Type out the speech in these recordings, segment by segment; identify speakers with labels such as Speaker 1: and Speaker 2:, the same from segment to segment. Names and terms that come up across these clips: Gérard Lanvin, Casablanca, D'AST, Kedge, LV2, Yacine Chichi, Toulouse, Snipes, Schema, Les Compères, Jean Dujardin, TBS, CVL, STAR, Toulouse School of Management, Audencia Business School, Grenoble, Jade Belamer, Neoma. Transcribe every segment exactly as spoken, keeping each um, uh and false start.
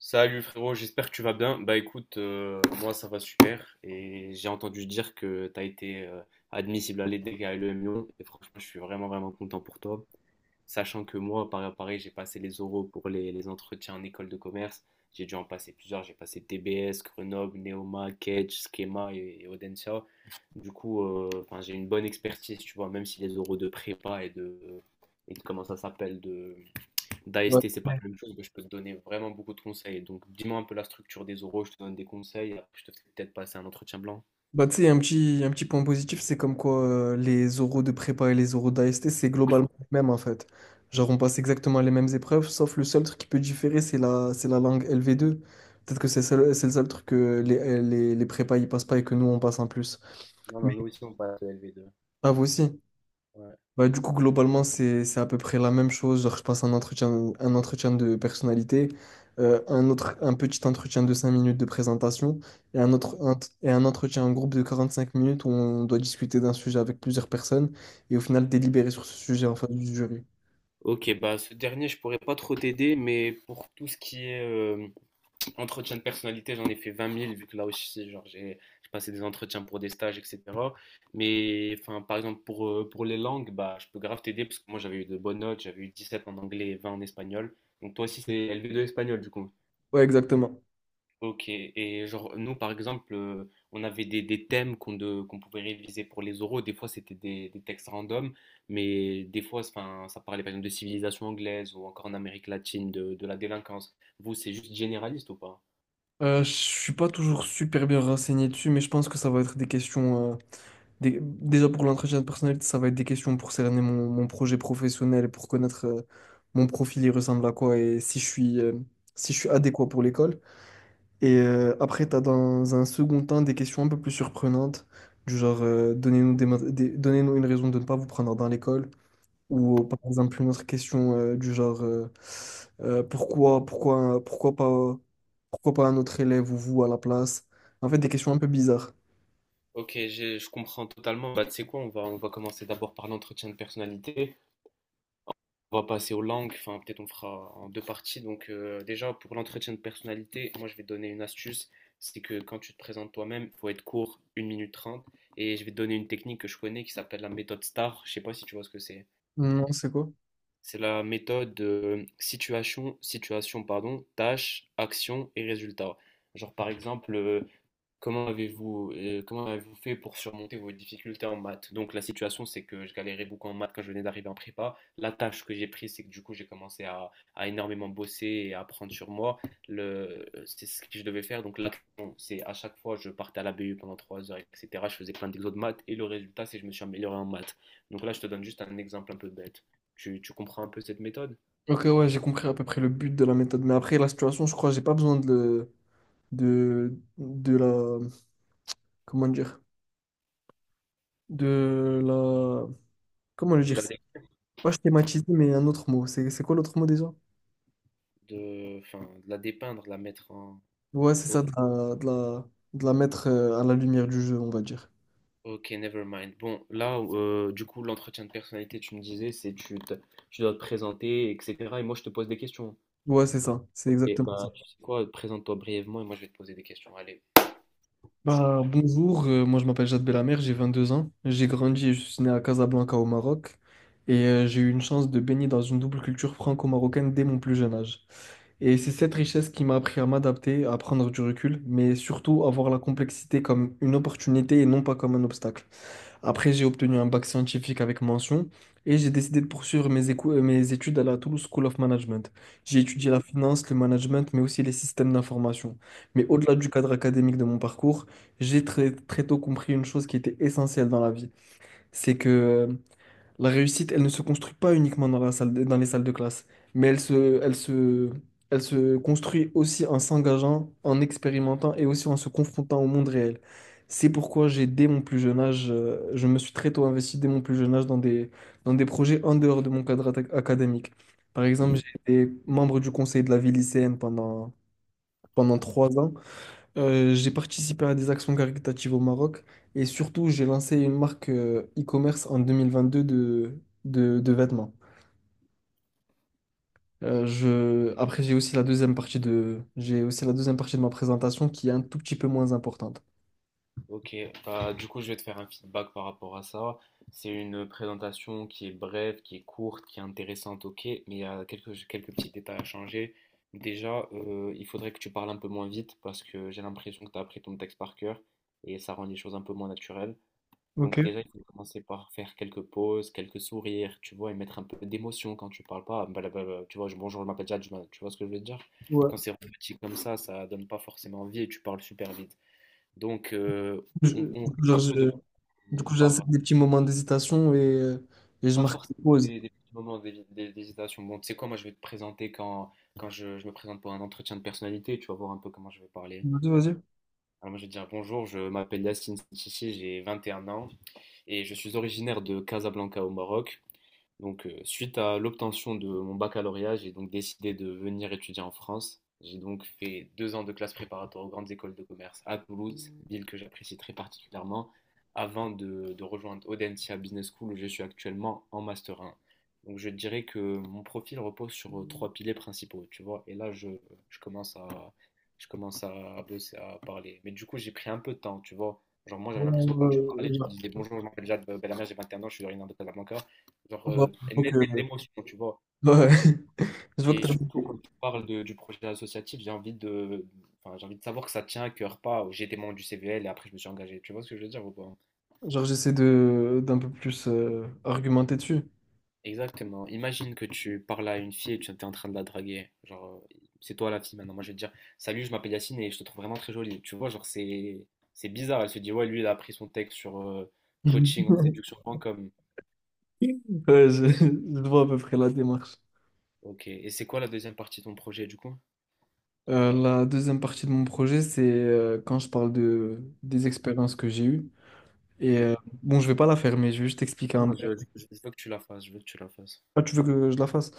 Speaker 1: Salut frérot, j'espère que tu vas bien. Bah écoute, euh, moi ça va super et j'ai entendu dire que tu as été euh, admissible à l'E D E C et à l'E M Lyon et franchement je suis vraiment vraiment content pour toi. Sachant que moi, pareil, pareil, j'ai passé les oraux pour les, les entretiens en école de commerce. J'ai dû en passer plusieurs, j'ai passé T B S, Grenoble, Neoma, Kedge, Schema et, et Audencia. Du coup, euh, enfin, j'ai une bonne expertise, tu vois, même si les oraux de prépa et de, et de comment ça s'appelle,
Speaker 2: Ouais.
Speaker 1: d'A S T, c'est pas la même chose, mais je peux te donner vraiment beaucoup de conseils. Donc, dis-moi un peu la structure des oraux, je te donne des conseils. Après, je te fais peut-être passer un entretien blanc.
Speaker 2: Bah, tu sais, un petit, un petit point positif, c'est comme quoi euh, les oraux de prépa et les oraux d'A S T, c'est globalement le même en fait. Genre, on passe exactement les mêmes épreuves, sauf le seul truc qui peut différer, c'est la, c'est la langue L V deux. Peut-être que c'est seul- c'est le seul truc que les, les, les prépas ils passent pas et que nous on passe en plus.
Speaker 1: Non, non,
Speaker 2: Mais
Speaker 1: nous aussi, on passe au L V deux.
Speaker 2: ah, vous aussi.
Speaker 1: Ouais.
Speaker 2: Bah, du coup, globalement, c'est, c'est à peu près la même chose. Genre, je passe un entretien, un entretien de personnalité, euh, un autre, un petit entretien de cinq minutes de présentation et un autre, un- et un entretien en groupe de quarante-cinq minutes où on doit discuter d'un sujet avec plusieurs personnes et au final délibérer sur ce sujet en face du jury.
Speaker 1: Ok, bah ce dernier, je pourrais pas trop t'aider, mais pour tout ce qui est euh, entretien de personnalité, j'en ai fait vingt mille, vu que là aussi, genre, j'ai j'ai passé des entretiens pour des stages, et cetera. Mais enfin, par exemple, pour, euh, pour les langues, bah, je peux grave t'aider, parce que moi, j'avais eu de bonnes notes, j'avais eu dix-sept en anglais et vingt en espagnol. Donc, toi aussi, c'est L V deux espagnol, du coup.
Speaker 2: Ouais, exactement.
Speaker 1: Ok, et genre, nous par exemple, euh, on avait des, des thèmes qu'on de- qu'on pouvait réviser pour les oraux. Des fois, c'était des, des textes random, mais des fois, enfin, ça parlait par exemple de civilisation anglaise ou encore en Amérique latine, de, de la délinquance. Vous, c'est juste généraliste ou pas?
Speaker 2: Euh, je suis pas toujours super bien renseigné dessus, mais je pense que ça va être des questions. Des- déjà pour l'entretien de personnalité, ça va être des questions pour cerner mon, mon projet professionnel et pour connaître euh, mon profil, il ressemble à quoi et si je suis, euh, si je suis adéquat pour l'école. Et euh, après, tu as dans un second temps des questions un peu plus surprenantes, du genre euh, donnez-nous des, ma- des- donnez-nous une raison de ne pas vous prendre dans l'école. Ou euh, par exemple une autre question euh, du genre euh, euh, pourquoi, pourquoi, pourquoi pas, pourquoi pas un autre élève ou vous à la place. En fait, des questions un peu bizarres.
Speaker 1: Ok, j'ai- je comprends totalement. Bah, tu sais quoi, on va, on va commencer d'abord par l'entretien de personnalité. On va passer aux langues, enfin peut-être on fera en deux parties. Donc euh, déjà pour l'entretien de personnalité, moi je vais te donner une astuce, c'est que quand tu te présentes toi-même, il faut être court, une minute trente. Et je vais te donner une technique que je connais qui s'appelle la méthode STAR, je sais pas si tu vois ce que c'est.
Speaker 2: Non, c'est quoi?
Speaker 1: C'est la méthode de situation, situation pardon, tâche, action et résultat. Genre par exemple, euh, comment avez-vous euh, comment avez-vous fait pour surmonter vos difficultés en maths? Donc la situation c'est que je galérais beaucoup en maths quand je venais d'arriver en prépa. La tâche que j'ai prise c'est que du coup j'ai commencé à, à énormément bosser et à apprendre sur moi. Le, c'est ce que je devais faire. Donc l'action c'est à chaque fois je partais à la B U pendant trois heures, et cetera. Je faisais plein d'exos de maths et le résultat c'est que je me suis amélioré en maths. Donc là je te donne juste un exemple un peu bête. Tu, tu comprends un peu cette méthode
Speaker 2: Ok, ouais, j'ai compris à peu près le but de la méthode. Mais après, la situation, je crois que j'ai pas besoin de, le- de, de la. Comment dire? De la. Comment le
Speaker 1: de
Speaker 2: dire?
Speaker 1: la,
Speaker 2: C'est
Speaker 1: dé-
Speaker 2: pas schématiser, mais un autre mot. C'est c'est quoi l'autre mot déjà?
Speaker 1: de, enfin, de la dépeindre, de la mettre en...
Speaker 2: Ouais, c'est ça, de la, de la, de la mettre euh, à la lumière du jeu, on va dire.
Speaker 1: Ok, never mind. Bon, là, euh, du coup, l'entretien de personnalité, tu me disais, c'est tu, te- tu dois te présenter, et cetera. Et moi, je te pose des questions.
Speaker 2: Ouais, c'est ça, c'est
Speaker 1: Et
Speaker 2: exactement ça.
Speaker 1: bah, tu sais quoi, présente-toi brièvement et moi, je vais te poser des questions. Allez.
Speaker 2: Bah, bonjour, euh, moi je m'appelle Jade Belamer, j'ai vingt deux ans. J'ai grandi et je suis né à Casablanca au Maroc. Et euh, j'ai eu une chance de baigner dans une double culture franco-marocaine dès mon plus jeune âge. Et c'est cette richesse qui m'a appris à m'adapter, à prendre du recul, mais surtout à voir la complexité comme une opportunité et non pas comme un obstacle. Après, j'ai obtenu un bac scientifique avec mention et j'ai décidé de poursuivre mes, écou- euh, mes études à la Toulouse School of Management. J'ai étudié la finance, le management, mais aussi les systèmes d'information. Mais au-delà du cadre académique de mon parcours, j'ai très, très tôt compris une chose qui était essentielle dans la vie, c'est que euh, la réussite, elle ne se construit pas uniquement dans la salle de- dans les salles de classe, mais elle se, elle se, elle se construit aussi en s'engageant, en expérimentant et aussi en se confrontant au monde réel. C'est pourquoi j'ai, dès mon plus jeune âge, euh, je me suis très tôt investi dès mon plus jeune âge dans des, dans des projets en dehors de mon cadre atta- académique. Par exemple, j'ai été membre du conseil de la vie lycéenne pendant, pendant trois ans. Euh, j'ai participé à des actions caritatives au Maroc et surtout j'ai lancé une marque euh, e-commerce en deux mille vingt-deux de, de, de vêtements. Euh, je... Après j'ai aussi la deuxième partie de... j'ai aussi la deuxième partie de ma présentation qui est un tout petit peu moins importante.
Speaker 1: Ok, bah, du coup, je vais te faire un feedback par rapport à ça. C'est une présentation qui est brève, qui est courte, qui est intéressante, ok, mais il y a quelques, quelques petits détails à changer. Déjà, euh, il faudrait que tu parles un peu moins vite parce que j'ai l'impression que tu as appris ton texte par cœur et ça rend les choses un peu moins naturelles. Donc
Speaker 2: Ok.
Speaker 1: déjà, il faut commencer par faire quelques pauses, quelques sourires, tu vois, et mettre un peu d'émotion quand tu parles pas. Blablabla, tu vois, je- bonjour, je m'appelle Jad, je m'a- tu vois ce que je veux dire?
Speaker 2: Ouais.
Speaker 1: Quand c'est petit comme ça, ça donne pas forcément envie et tu parles super vite. Donc, euh, on,
Speaker 2: Je-
Speaker 1: on
Speaker 2: du
Speaker 1: fait
Speaker 2: coup, genre,
Speaker 1: un peu de
Speaker 2: je- du coup, j'insère
Speaker 1: par
Speaker 2: des petits moments d'hésitation et, euh, et je
Speaker 1: pas
Speaker 2: marque une
Speaker 1: forcément
Speaker 2: pause.
Speaker 1: des, des petits moments d'hé- d'hé- d'hésitation. Bon, tu sais quoi, moi je vais te présenter quand, quand je, je me présente pour un entretien de personnalité, tu vas voir un peu comment je vais parler.
Speaker 2: Vas-y, vas-y.
Speaker 1: Alors moi je vais dire bonjour, je m'appelle Yacine Chichi, j'ai vingt et un ans et je suis originaire de Casablanca au Maroc. Donc, euh, suite à l'obtention de mon baccalauréat, j'ai donc décidé de venir étudier en France. J'ai donc fait deux ans de classe préparatoire aux grandes écoles de commerce à Toulouse, ville que j'apprécie très particulièrement, avant de, de rejoindre Audencia Business School où je suis actuellement en Master un. Donc, je dirais que mon profil repose sur euh, trois piliers principaux, tu vois. Et là, je, je commence à, je commence à bosser, à parler. Mais du coup, j'ai pris un peu de temps, tu vois. Genre, moi, j'avais l'impression que
Speaker 2: Bon,
Speaker 1: quand tu
Speaker 2: euh,
Speaker 1: parlais, tu me
Speaker 2: genre,
Speaker 1: disais bonjour, je m'appelle Jade Bellamère, j'ai vingt et un ans, je suis originaire de Casablanca. Genre,
Speaker 2: ouais,
Speaker 1: euh,
Speaker 2: je
Speaker 1: et
Speaker 2: vois
Speaker 1: mêler de
Speaker 2: que,
Speaker 1: l'émotion, tu vois.
Speaker 2: ouais, je vois que
Speaker 1: Et
Speaker 2: t'as-
Speaker 1: surtout, quand tu parles de- du projet associatif, j'ai envie de, enfin, j'ai envie de savoir que ça tient à cœur, pas j'ai été membre du C V L et après je me suis engagé. Tu vois ce que je veux dire ou pas?
Speaker 2: genre, j'essaie de d'un peu plus euh, argumenter dessus.
Speaker 1: Exactement. Imagine que tu parles à une fille et tu es en train de la draguer. Genre, euh, c'est toi la fille maintenant. Moi, je vais te dire, salut, je m'appelle Yacine et je te trouve vraiment très jolie. Tu vois, genre, c'est, c'est bizarre. Elle se dit, ouais, lui, il a appris son texte sur euh, coaching en séduction point com.
Speaker 2: Ouais, je, je vois à peu près la démarche.
Speaker 1: Ok. Et c'est quoi la deuxième partie de ton projet, du coup?
Speaker 2: Euh, la deuxième partie de mon projet, c'est euh, quand je parle de, des expériences que j'ai eues. Et
Speaker 1: Mhm.
Speaker 2: euh, bon, je vais pas la faire, mais je vais juste t'expliquer
Speaker 1: Ah
Speaker 2: un
Speaker 1: non,
Speaker 2: peu.
Speaker 1: je, je- je veux que tu la fasses. Je veux que tu la fasses.
Speaker 2: Ah, tu veux que je la fasse?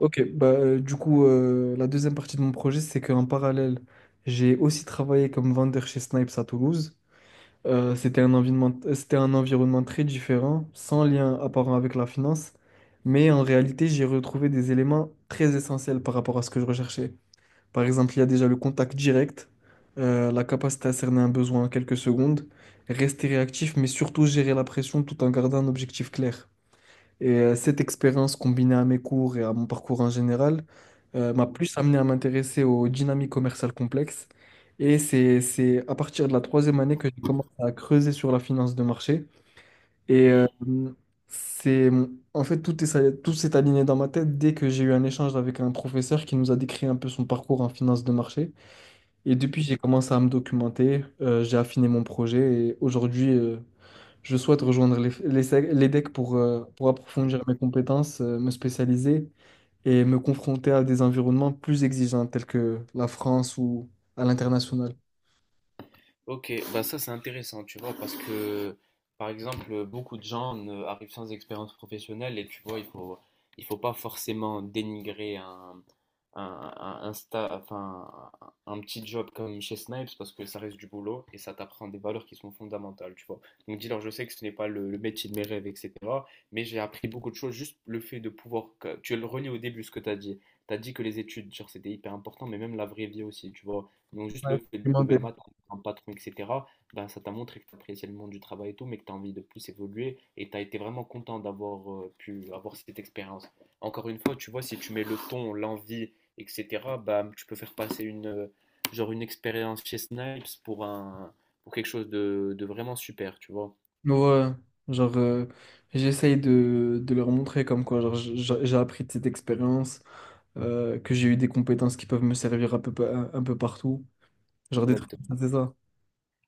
Speaker 2: Ok, bah, euh, du coup, euh, la deuxième partie de mon projet, c'est qu'en parallèle, j'ai aussi travaillé comme vendeur chez Snipes à Toulouse. Euh, c'était un environnement, euh, c'était un environnement très différent, sans lien apparent avec la finance,
Speaker 1: Mmh
Speaker 2: mais
Speaker 1: mh.
Speaker 2: en réalité, j'ai retrouvé des éléments très essentiels par rapport à ce que je recherchais. Par exemple, il y a déjà le contact direct, euh, la capacité à cerner un besoin en quelques secondes, rester réactif, mais surtout gérer la pression tout en gardant un objectif clair. Et euh, cette expérience combinée à mes cours et à mon parcours en général euh,
Speaker 1: Mmh
Speaker 2: m'a
Speaker 1: mh.
Speaker 2: plus amené à m'intéresser aux dynamiques commerciales complexes. Et c'est, c'est à partir de la troisième année que j'ai commencé à creuser sur la finance de marché. Et euh, c'est, en fait, tout est, ça- tout s'est aligné dans ma tête dès que j'ai eu un échange avec un professeur qui nous a décrit un peu son parcours en finance de marché. Et depuis,
Speaker 1: Mmh.
Speaker 2: j'ai commencé à me documenter, euh, j'ai affiné mon projet et aujourd'hui, euh, je souhaite rejoindre les, les, sec- les decks pour, euh, pour approfondir mes compétences, euh, me spécialiser et me confronter à des environnements plus exigeants tels que la France ou à l'international.
Speaker 1: Ok, bah ça c'est intéressant, tu vois, parce que par exemple, beaucoup de gens ne- arrivent sans expérience professionnelle et tu vois, il faut, il faut pas forcément dénigrer un, un, un, un sta- enfin, un un petit job comme chez Snipes parce que ça reste du boulot et ça t'apprend des valeurs qui sont fondamentales, tu vois. Donc dis-leur, je sais que ce n'est pas le, le métier de mes rêves, et cetera. Mais j'ai appris beaucoup de choses, juste le fait de pouvoir. que- Tu le relis au début ce que tu as dit. Tu as dit que les études, genre, c'était hyper important, mais même la vraie vie aussi, tu vois. Donc juste
Speaker 2: Ouais,
Speaker 1: le fait de lever
Speaker 2: expérimenter.
Speaker 1: le mat un patron, et cetera, ben, ça t'a montré que tu appréciais le monde du travail et tout, mais que tu as envie de plus évoluer et tu as été vraiment content d'avoir euh, pu avoir cette expérience. Encore une fois, tu vois, si tu mets le ton, l'envie, et cetera, ben, tu peux faire passer une, euh, genre une expérience chez Snipes pour un, pour quelque chose de, de vraiment super, tu vois.
Speaker 2: Ouais, genre, euh, j'essaye de, de leur montrer comme quoi genre, j- j- j'ai appris de cette expérience, euh, que j'ai eu des compétences qui peuvent me servir un peu, pa- un, un peu partout. Genre des trucs comme
Speaker 1: Exactement.
Speaker 2: ça, c'est ça.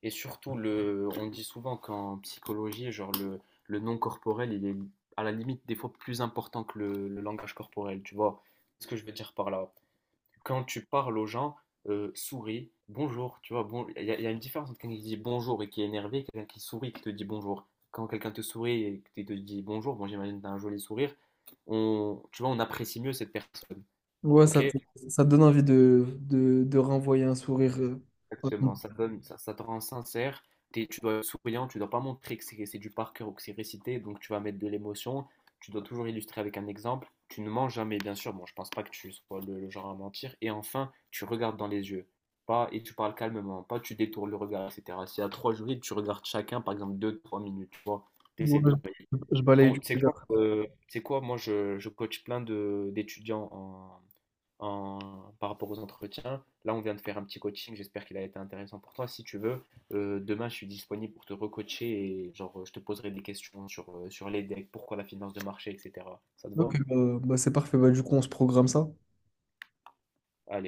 Speaker 1: Et surtout, le, on dit souvent qu'en psychologie, genre le, le non corporel, il est à la limite des fois plus important que le, le langage corporel. Tu vois ce que je veux dire par là? Quand tu parles aux gens, euh, souris, bonjour, tu vois, bon, il y, a il y a une différence entre quelqu'un qui dit bonjour et qui est énervé, et quelqu'un qui sourit et qui te dit bonjour. Quand quelqu'un te sourit et que te dit bonjour, bon, j'imagine que tu as un joli sourire, on, tu vois, on apprécie mieux cette personne.
Speaker 2: Ouais,
Speaker 1: Ok?
Speaker 2: ça te, ça te donne envie de, de, de renvoyer un sourire. euh.
Speaker 1: Exactement, ça donne, ça, ça te rend sincère. T'es- tu dois être souriant, tu dois pas montrer que c'est c'est du par cœur ou que c'est récité, donc tu vas mettre de l'émotion. Tu dois toujours illustrer avec un exemple. Tu ne mens jamais, bien sûr. Bon, je pense pas que tu sois le, le genre à mentir. Et enfin, tu regardes dans les yeux. Pas, et tu parles calmement, pas tu détournes le regard, et cetera. S'il y a trois jurys, tu regardes chacun, par exemple, deux, trois minutes, tu vois. T'essaies
Speaker 2: Ouais,
Speaker 1: de.
Speaker 2: je je balaye
Speaker 1: Bon,
Speaker 2: du
Speaker 1: c'est quoi,
Speaker 2: regard.
Speaker 1: euh, c'est quoi? Moi, je, je coach plein de d'étudiants en, par rapport aux entretiens. Là, on vient de faire un petit coaching. J'espère qu'il a été intéressant pour toi. Si tu veux, euh, demain, je suis disponible pour te recoacher et genre, je te poserai des questions sur, euh, sur les decks, pourquoi la finance de marché, et cetera. Ça te va?
Speaker 2: Ok, bah, bah, c'est parfait. Bah, du coup, on se programme ça.
Speaker 1: Allez.